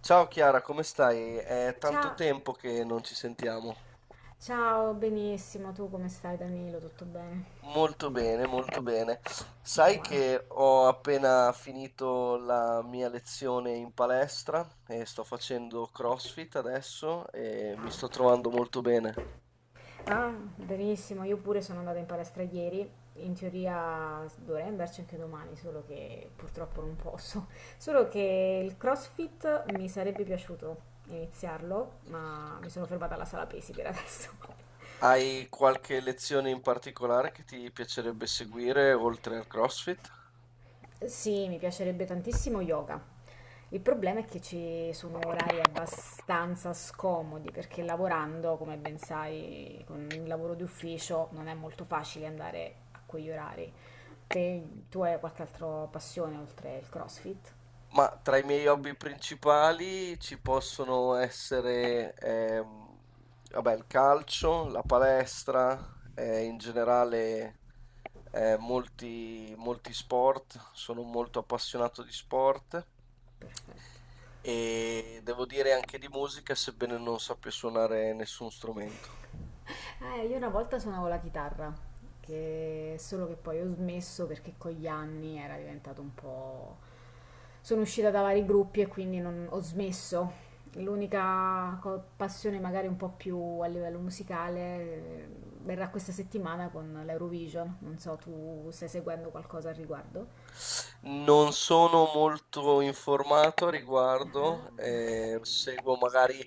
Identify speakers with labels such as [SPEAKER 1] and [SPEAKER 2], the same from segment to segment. [SPEAKER 1] Ciao Chiara, come stai? È tanto
[SPEAKER 2] Ciao,
[SPEAKER 1] tempo che non ci sentiamo.
[SPEAKER 2] ciao, benissimo. Tu come stai, Danilo? Tutto bene?
[SPEAKER 1] Molto bene, molto bene.
[SPEAKER 2] Meno
[SPEAKER 1] Sai
[SPEAKER 2] male.
[SPEAKER 1] che ho appena finito la mia lezione in palestra e sto facendo CrossFit adesso e mi
[SPEAKER 2] Ah,
[SPEAKER 1] sto trovando molto bene.
[SPEAKER 2] ah, benissimo. Io pure sono andata in palestra ieri. In teoria dovrei andarci anche domani, solo che purtroppo non posso. Solo che il CrossFit mi sarebbe piaciuto iniziarlo, ma mi sono fermata alla sala pesi per adesso.
[SPEAKER 1] Hai qualche lezione in particolare che ti piacerebbe seguire oltre al CrossFit?
[SPEAKER 2] Sì, mi piacerebbe tantissimo yoga. Il problema è che ci sono orari abbastanza scomodi perché lavorando, come ben sai, con il lavoro di ufficio non è molto facile andare a quegli orari. Te, tu hai qualche altra passione oltre il CrossFit?
[SPEAKER 1] Ma tra i miei hobby principali ci possono essere, vabbè, il calcio, la palestra, in generale molti sport, sono molto appassionato di sport
[SPEAKER 2] Perfetto.
[SPEAKER 1] e devo dire anche di musica, sebbene non sappia suonare nessun strumento.
[SPEAKER 2] Io una volta suonavo la chitarra, che solo che poi ho smesso perché con gli anni era diventato un po'... Sono uscita da vari gruppi e quindi ho smesso. L'unica passione magari un po' più a livello musicale verrà questa settimana con l'Eurovision. Non so, tu stai seguendo qualcosa al riguardo?
[SPEAKER 1] Non sono molto informato a
[SPEAKER 2] Ah,
[SPEAKER 1] riguardo, seguo magari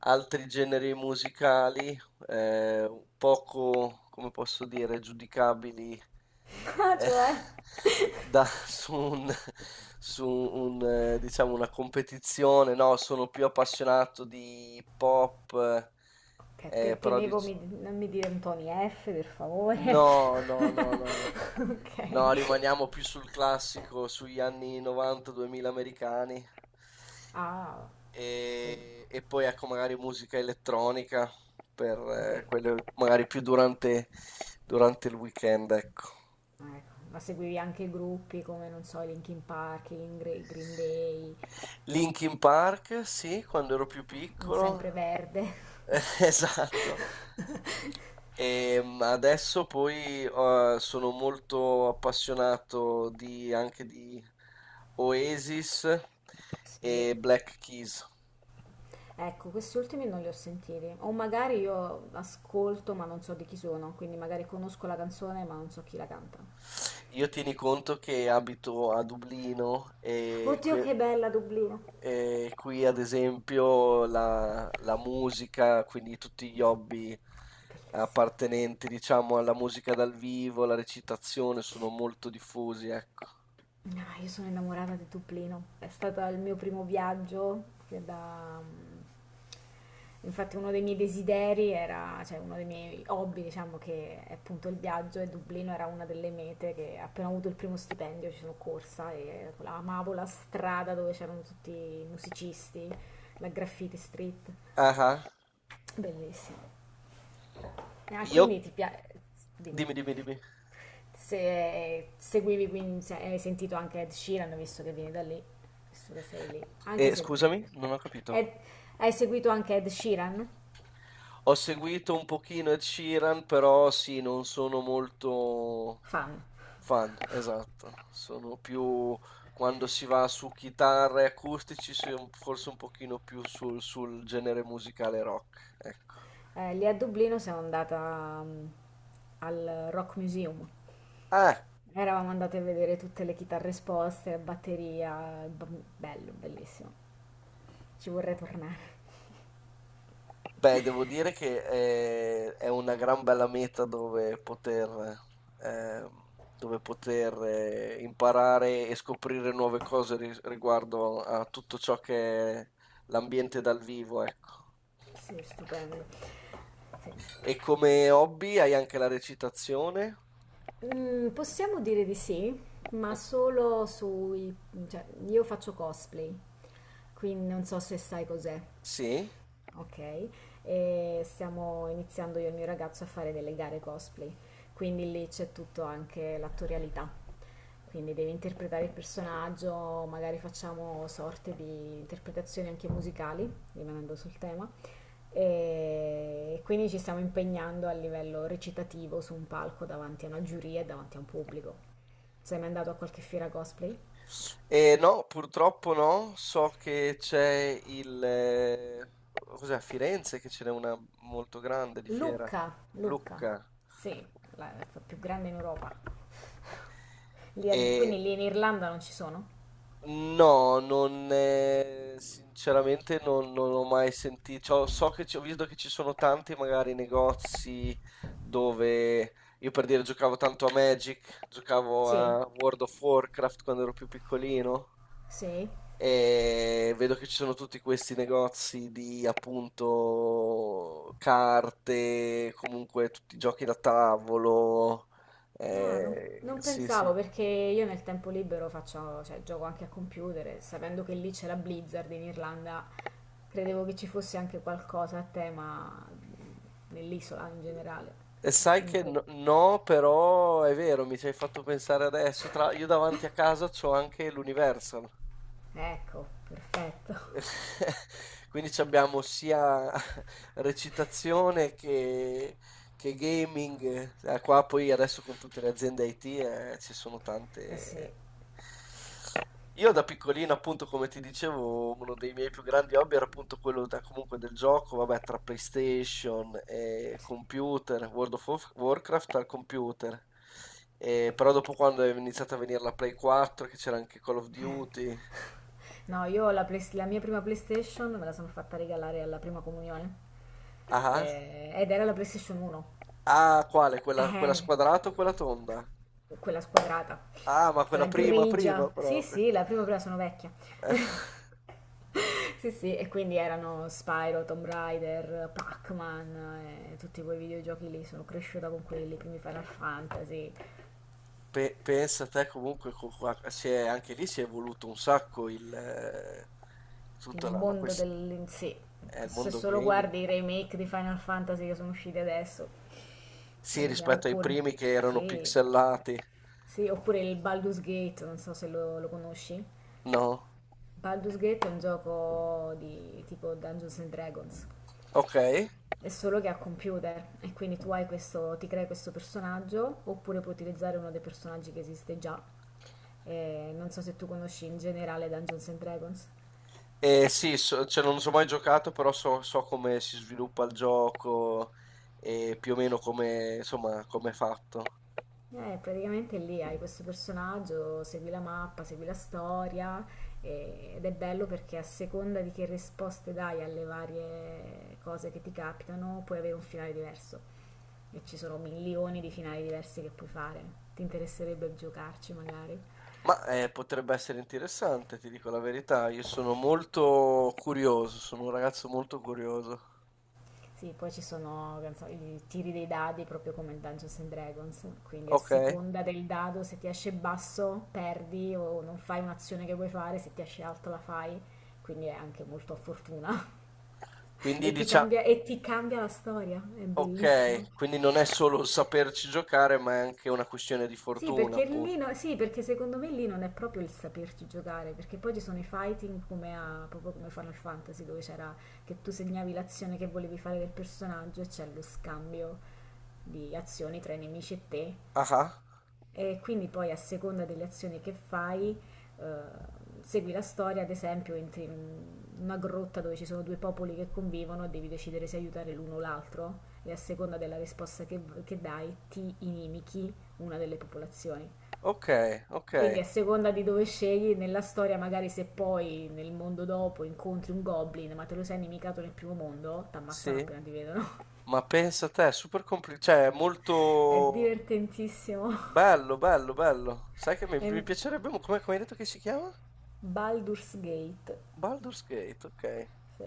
[SPEAKER 1] altri generi musicali, eh, poco, come posso dire, giudicabili
[SPEAKER 2] ah,
[SPEAKER 1] eh,
[SPEAKER 2] cioè...
[SPEAKER 1] da- su un, diciamo, una competizione. No, sono più appassionato di pop,
[SPEAKER 2] Che
[SPEAKER 1] però di...
[SPEAKER 2] temevo non mi dire Tony F, per favore.
[SPEAKER 1] No, no, no, no, no. No,
[SPEAKER 2] Ok.
[SPEAKER 1] rimaniamo più sul classico, sugli anni 90-2000 americani
[SPEAKER 2] Ah. Quindi,
[SPEAKER 1] e poi ecco magari musica elettronica per
[SPEAKER 2] quindi,
[SPEAKER 1] quelle magari più durante, durante il weekend, ecco.
[SPEAKER 2] ecco. Ma seguivi anche gruppi come, non so, i Linkin Park, i Green Day,
[SPEAKER 1] Linkin Park, sì, quando ero più
[SPEAKER 2] un
[SPEAKER 1] piccolo.
[SPEAKER 2] Sempreverde.
[SPEAKER 1] Esatto. E adesso poi sono molto appassionato anche di Oasis
[SPEAKER 2] Sì,
[SPEAKER 1] e Black Keys.
[SPEAKER 2] ecco, questi ultimi non li ho sentiti. O magari io ascolto ma non so di chi sono, quindi magari conosco la canzone ma non so chi la canta.
[SPEAKER 1] Io tieni conto che abito a Dublino e
[SPEAKER 2] Oddio, che
[SPEAKER 1] que-
[SPEAKER 2] bella Dublino!
[SPEAKER 1] E qui ad esempio la musica, quindi tutti gli hobby
[SPEAKER 2] Bellissima.
[SPEAKER 1] appartenenti, diciamo, alla musica dal vivo, la recitazione, sono molto diffusi, ecco.
[SPEAKER 2] No, io sono innamorata di Dublino. È stato il mio primo viaggio che da... mm, infatti uno dei miei desideri era, cioè uno dei miei hobby, diciamo che è appunto il viaggio e Dublino era una delle mete che appena ho avuto il primo stipendio ci sono corsa e amavo la strada dove c'erano tutti i musicisti, la graffiti street.
[SPEAKER 1] Ah, ah.
[SPEAKER 2] Bellissimo. Ah,
[SPEAKER 1] Io...
[SPEAKER 2] quindi ti piace... Dimmi.
[SPEAKER 1] Dimmi.
[SPEAKER 2] Se seguivi, quindi, se hai sentito anche Ed Sheeran, visto che vieni da lì, visto che sei lì, anche se lui non è
[SPEAKER 1] Scusami,
[SPEAKER 2] lì.
[SPEAKER 1] non ho capito.
[SPEAKER 2] Ed- Hai seguito anche Ed Sheeran?
[SPEAKER 1] Ho seguito un pochino Ed Sheeran, però sì, non sono molto
[SPEAKER 2] Fan.
[SPEAKER 1] Fan, esatto. Sono più quando si va su chitarre e acustici, si è forse un pochino più sul genere musicale rock, ecco.
[SPEAKER 2] Lì a Dublino sono andata mm, al Rock Museum.
[SPEAKER 1] Ah,
[SPEAKER 2] Eravamo andate a vedere tutte le chitarre esposte, batteria, bello, bellissimo. Ci vorrei tornare.
[SPEAKER 1] beh, devo dire che è, una gran bella meta eh, dove poter imparare e scoprire nuove cose riguardo a tutto ciò che è l'ambiente dal vivo, ecco.
[SPEAKER 2] Sì, stupendo. Sì.
[SPEAKER 1] E come hobby hai anche la recitazione?
[SPEAKER 2] Mm, possiamo dire di sì, ma solo sui... cioè, io faccio cosplay, quindi non so se sai cos'è.
[SPEAKER 1] Sì.
[SPEAKER 2] Ok, e stiamo iniziando io e il mio ragazzo a fare delle gare cosplay, quindi lì c'è tutto anche l'attorialità, quindi devi interpretare il personaggio, magari facciamo sorte di interpretazioni anche musicali, rimanendo sul tema, e quindi ci stiamo impegnando a livello recitativo su un palco davanti a una giuria e davanti a un pubblico. Sei mai andato a qualche fiera cosplay?
[SPEAKER 1] No, purtroppo no. So che c'è il... cos'è, a Firenze che ce n'è una molto grande di fiera,
[SPEAKER 2] Lucca, Lucca,
[SPEAKER 1] Lucca.
[SPEAKER 2] sì, la più grande in Europa.
[SPEAKER 1] E
[SPEAKER 2] Quindi lì in Irlanda non ci sono?
[SPEAKER 1] no, non, sinceramente non, non ho mai sentito, so che ho visto che ci sono tanti magari negozi dove io per dire giocavo tanto a Magic, giocavo
[SPEAKER 2] Sì,
[SPEAKER 1] a World of Warcraft quando ero più piccolino
[SPEAKER 2] sì.
[SPEAKER 1] e vedo che ci sono tutti questi negozi di appunto carte, comunque tutti i giochi da tavolo,
[SPEAKER 2] Ah, non
[SPEAKER 1] sì sì.
[SPEAKER 2] pensavo perché io nel tempo libero faccio, cioè, gioco anche a computer e sapendo che lì c'è la Blizzard in Irlanda, credevo che ci fosse anche qualcosa a tema nell'isola in generale.
[SPEAKER 1] E sai
[SPEAKER 2] Non
[SPEAKER 1] che
[SPEAKER 2] credo.
[SPEAKER 1] no, no, però è vero, mi ci hai fatto pensare adesso. Tra, io davanti a casa c'ho anche l'Universal.
[SPEAKER 2] Ecco, perfetto.
[SPEAKER 1] Quindi c'abbiamo sia recitazione che gaming. Qua poi adesso con tutte le aziende IT, ci sono
[SPEAKER 2] Eh sì,
[SPEAKER 1] tante... Io da piccolino, appunto, come ti dicevo, uno dei miei più grandi hobby era appunto quello comunque del gioco, vabbè, tra PlayStation e
[SPEAKER 2] sì.
[SPEAKER 1] computer, Warcraft al computer. Però dopo quando è iniziata a venire la Play 4, che c'era anche Call of
[SPEAKER 2] Eh.
[SPEAKER 1] Duty.
[SPEAKER 2] No, la mia prima PlayStation me la sono fatta regalare alla prima comunione.
[SPEAKER 1] Ah, ah.
[SPEAKER 2] Ed era la PlayStation 1.
[SPEAKER 1] Ah, quale? Quella
[SPEAKER 2] Eh,
[SPEAKER 1] squadrata o quella tonda?
[SPEAKER 2] quella squadrata,
[SPEAKER 1] Ah, ma
[SPEAKER 2] quella
[SPEAKER 1] quella prima, prima
[SPEAKER 2] grigia. Sì,
[SPEAKER 1] proprio.
[SPEAKER 2] sì, la prima prima sono vecchia.
[SPEAKER 1] Eh,
[SPEAKER 2] Sì, sì, e quindi erano Spyro, Tomb Raider, Pac-Man, tutti quei videogiochi lì, sono cresciuta con quelli, i primi Final Fantasy,
[SPEAKER 1] pensa te comunque, anche lì si è evoluto un sacco il,
[SPEAKER 2] il
[SPEAKER 1] tutta la
[SPEAKER 2] mondo
[SPEAKER 1] questione.
[SPEAKER 2] del, sì,
[SPEAKER 1] È il
[SPEAKER 2] se
[SPEAKER 1] mondo
[SPEAKER 2] solo
[SPEAKER 1] gaming?
[SPEAKER 2] guardi i remake di Final Fantasy che sono usciti adesso,
[SPEAKER 1] Sì,
[SPEAKER 2] allucina.
[SPEAKER 1] rispetto ai
[SPEAKER 2] Oppure,
[SPEAKER 1] primi che erano
[SPEAKER 2] sì,
[SPEAKER 1] pixelati.
[SPEAKER 2] sì, oppure il Baldur's Gate, non so se lo conosci.
[SPEAKER 1] No?
[SPEAKER 2] Baldur's Gate è un gioco di tipo Dungeons and Dragons,
[SPEAKER 1] Ok.
[SPEAKER 2] è solo che ha computer e quindi tu hai questo, ti crei questo personaggio oppure puoi utilizzare uno dei personaggi che esiste già. Non so se tu conosci in generale Dungeons and Dragons.
[SPEAKER 1] Sì, cioè, non so mai giocato, però so, so come si sviluppa il gioco e più o meno come, insomma, come è fatto.
[SPEAKER 2] Praticamente lì hai questo personaggio, segui la mappa, segui la storia ed è bello perché a seconda di che risposte dai alle varie cose che ti capitano, puoi avere un finale diverso e ci sono milioni di finali diversi che puoi fare. Ti interesserebbe giocarci magari?
[SPEAKER 1] Ma potrebbe essere interessante, ti dico la verità. Io sono molto curioso, sono un ragazzo molto curioso.
[SPEAKER 2] Sì, poi ci sono non so, i tiri dei dadi proprio come il Dungeons and Dragons, quindi a
[SPEAKER 1] Ok?
[SPEAKER 2] seconda del dado se ti esce basso perdi o non fai un'azione che vuoi fare, se ti esce alto la fai, quindi è anche molto a fortuna
[SPEAKER 1] Quindi diciamo,
[SPEAKER 2] e ti cambia la storia, è bellissimo.
[SPEAKER 1] ok, quindi non è solo saperci giocare, ma è anche una questione di
[SPEAKER 2] Sì,
[SPEAKER 1] fortuna,
[SPEAKER 2] perché
[SPEAKER 1] appunto.
[SPEAKER 2] lì no- sì, perché secondo me lì non è proprio il saperci giocare, perché poi ci sono i fighting proprio come Final Fantasy, dove c'era che tu segnavi l'azione che volevi fare del personaggio e c'è lo scambio di azioni tra i nemici e te.
[SPEAKER 1] Ah, ah.
[SPEAKER 2] E quindi poi a seconda delle azioni che fai, eh, segui la storia, ad esempio, entri in una grotta dove ci sono due popoli che convivono e devi decidere se aiutare l'uno o l'altro, e a seconda della risposta che dai ti inimichi una delle popolazioni.
[SPEAKER 1] Ok, ok,
[SPEAKER 2] Quindi a seconda di dove scegli nella storia, magari se poi nel mondo dopo incontri un goblin, ma te lo sei nemicato nel primo mondo, ti ammazzano
[SPEAKER 1] sì.
[SPEAKER 2] appena ti vedono.
[SPEAKER 1] Ma pensa te, è super complicato, cioè è
[SPEAKER 2] È
[SPEAKER 1] molto
[SPEAKER 2] divertentissimo.
[SPEAKER 1] bello, bello, bello. Sai che mi
[SPEAKER 2] È
[SPEAKER 1] piacerebbe, mo- come, come hai detto che si chiama?
[SPEAKER 2] Baldur's Gate.
[SPEAKER 1] Baldur's Gate, ok.
[SPEAKER 2] Sì.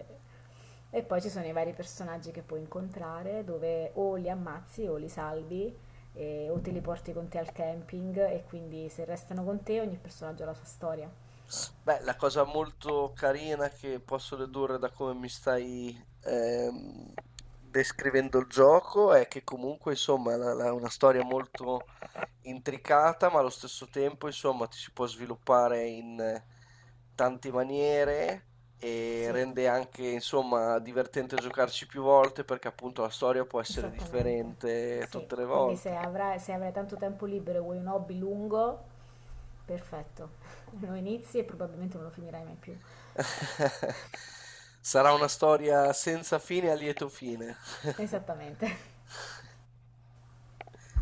[SPEAKER 2] E poi ci sono i vari personaggi che puoi incontrare, dove o li ammazzi o li salvi, o te li porti con te al camping, e quindi se restano con te ogni personaggio ha la sua storia.
[SPEAKER 1] Beh, la cosa molto carina che posso dedurre da come mi stai descrivendo il gioco è che comunque, insomma, è una storia molto intricata, ma allo stesso tempo, insomma, ti si può sviluppare in tante maniere e
[SPEAKER 2] Sì,
[SPEAKER 1] rende anche, insomma, divertente giocarci più volte perché appunto la storia può essere
[SPEAKER 2] esattamente.
[SPEAKER 1] differente
[SPEAKER 2] Sì,
[SPEAKER 1] tutte le
[SPEAKER 2] quindi
[SPEAKER 1] volte.
[SPEAKER 2] se avrai tanto tempo libero e vuoi un hobby lungo, perfetto. Lo inizi e probabilmente non lo finirai mai più.
[SPEAKER 1] Sarà una storia senza fine a lieto fine.
[SPEAKER 2] Esattamente.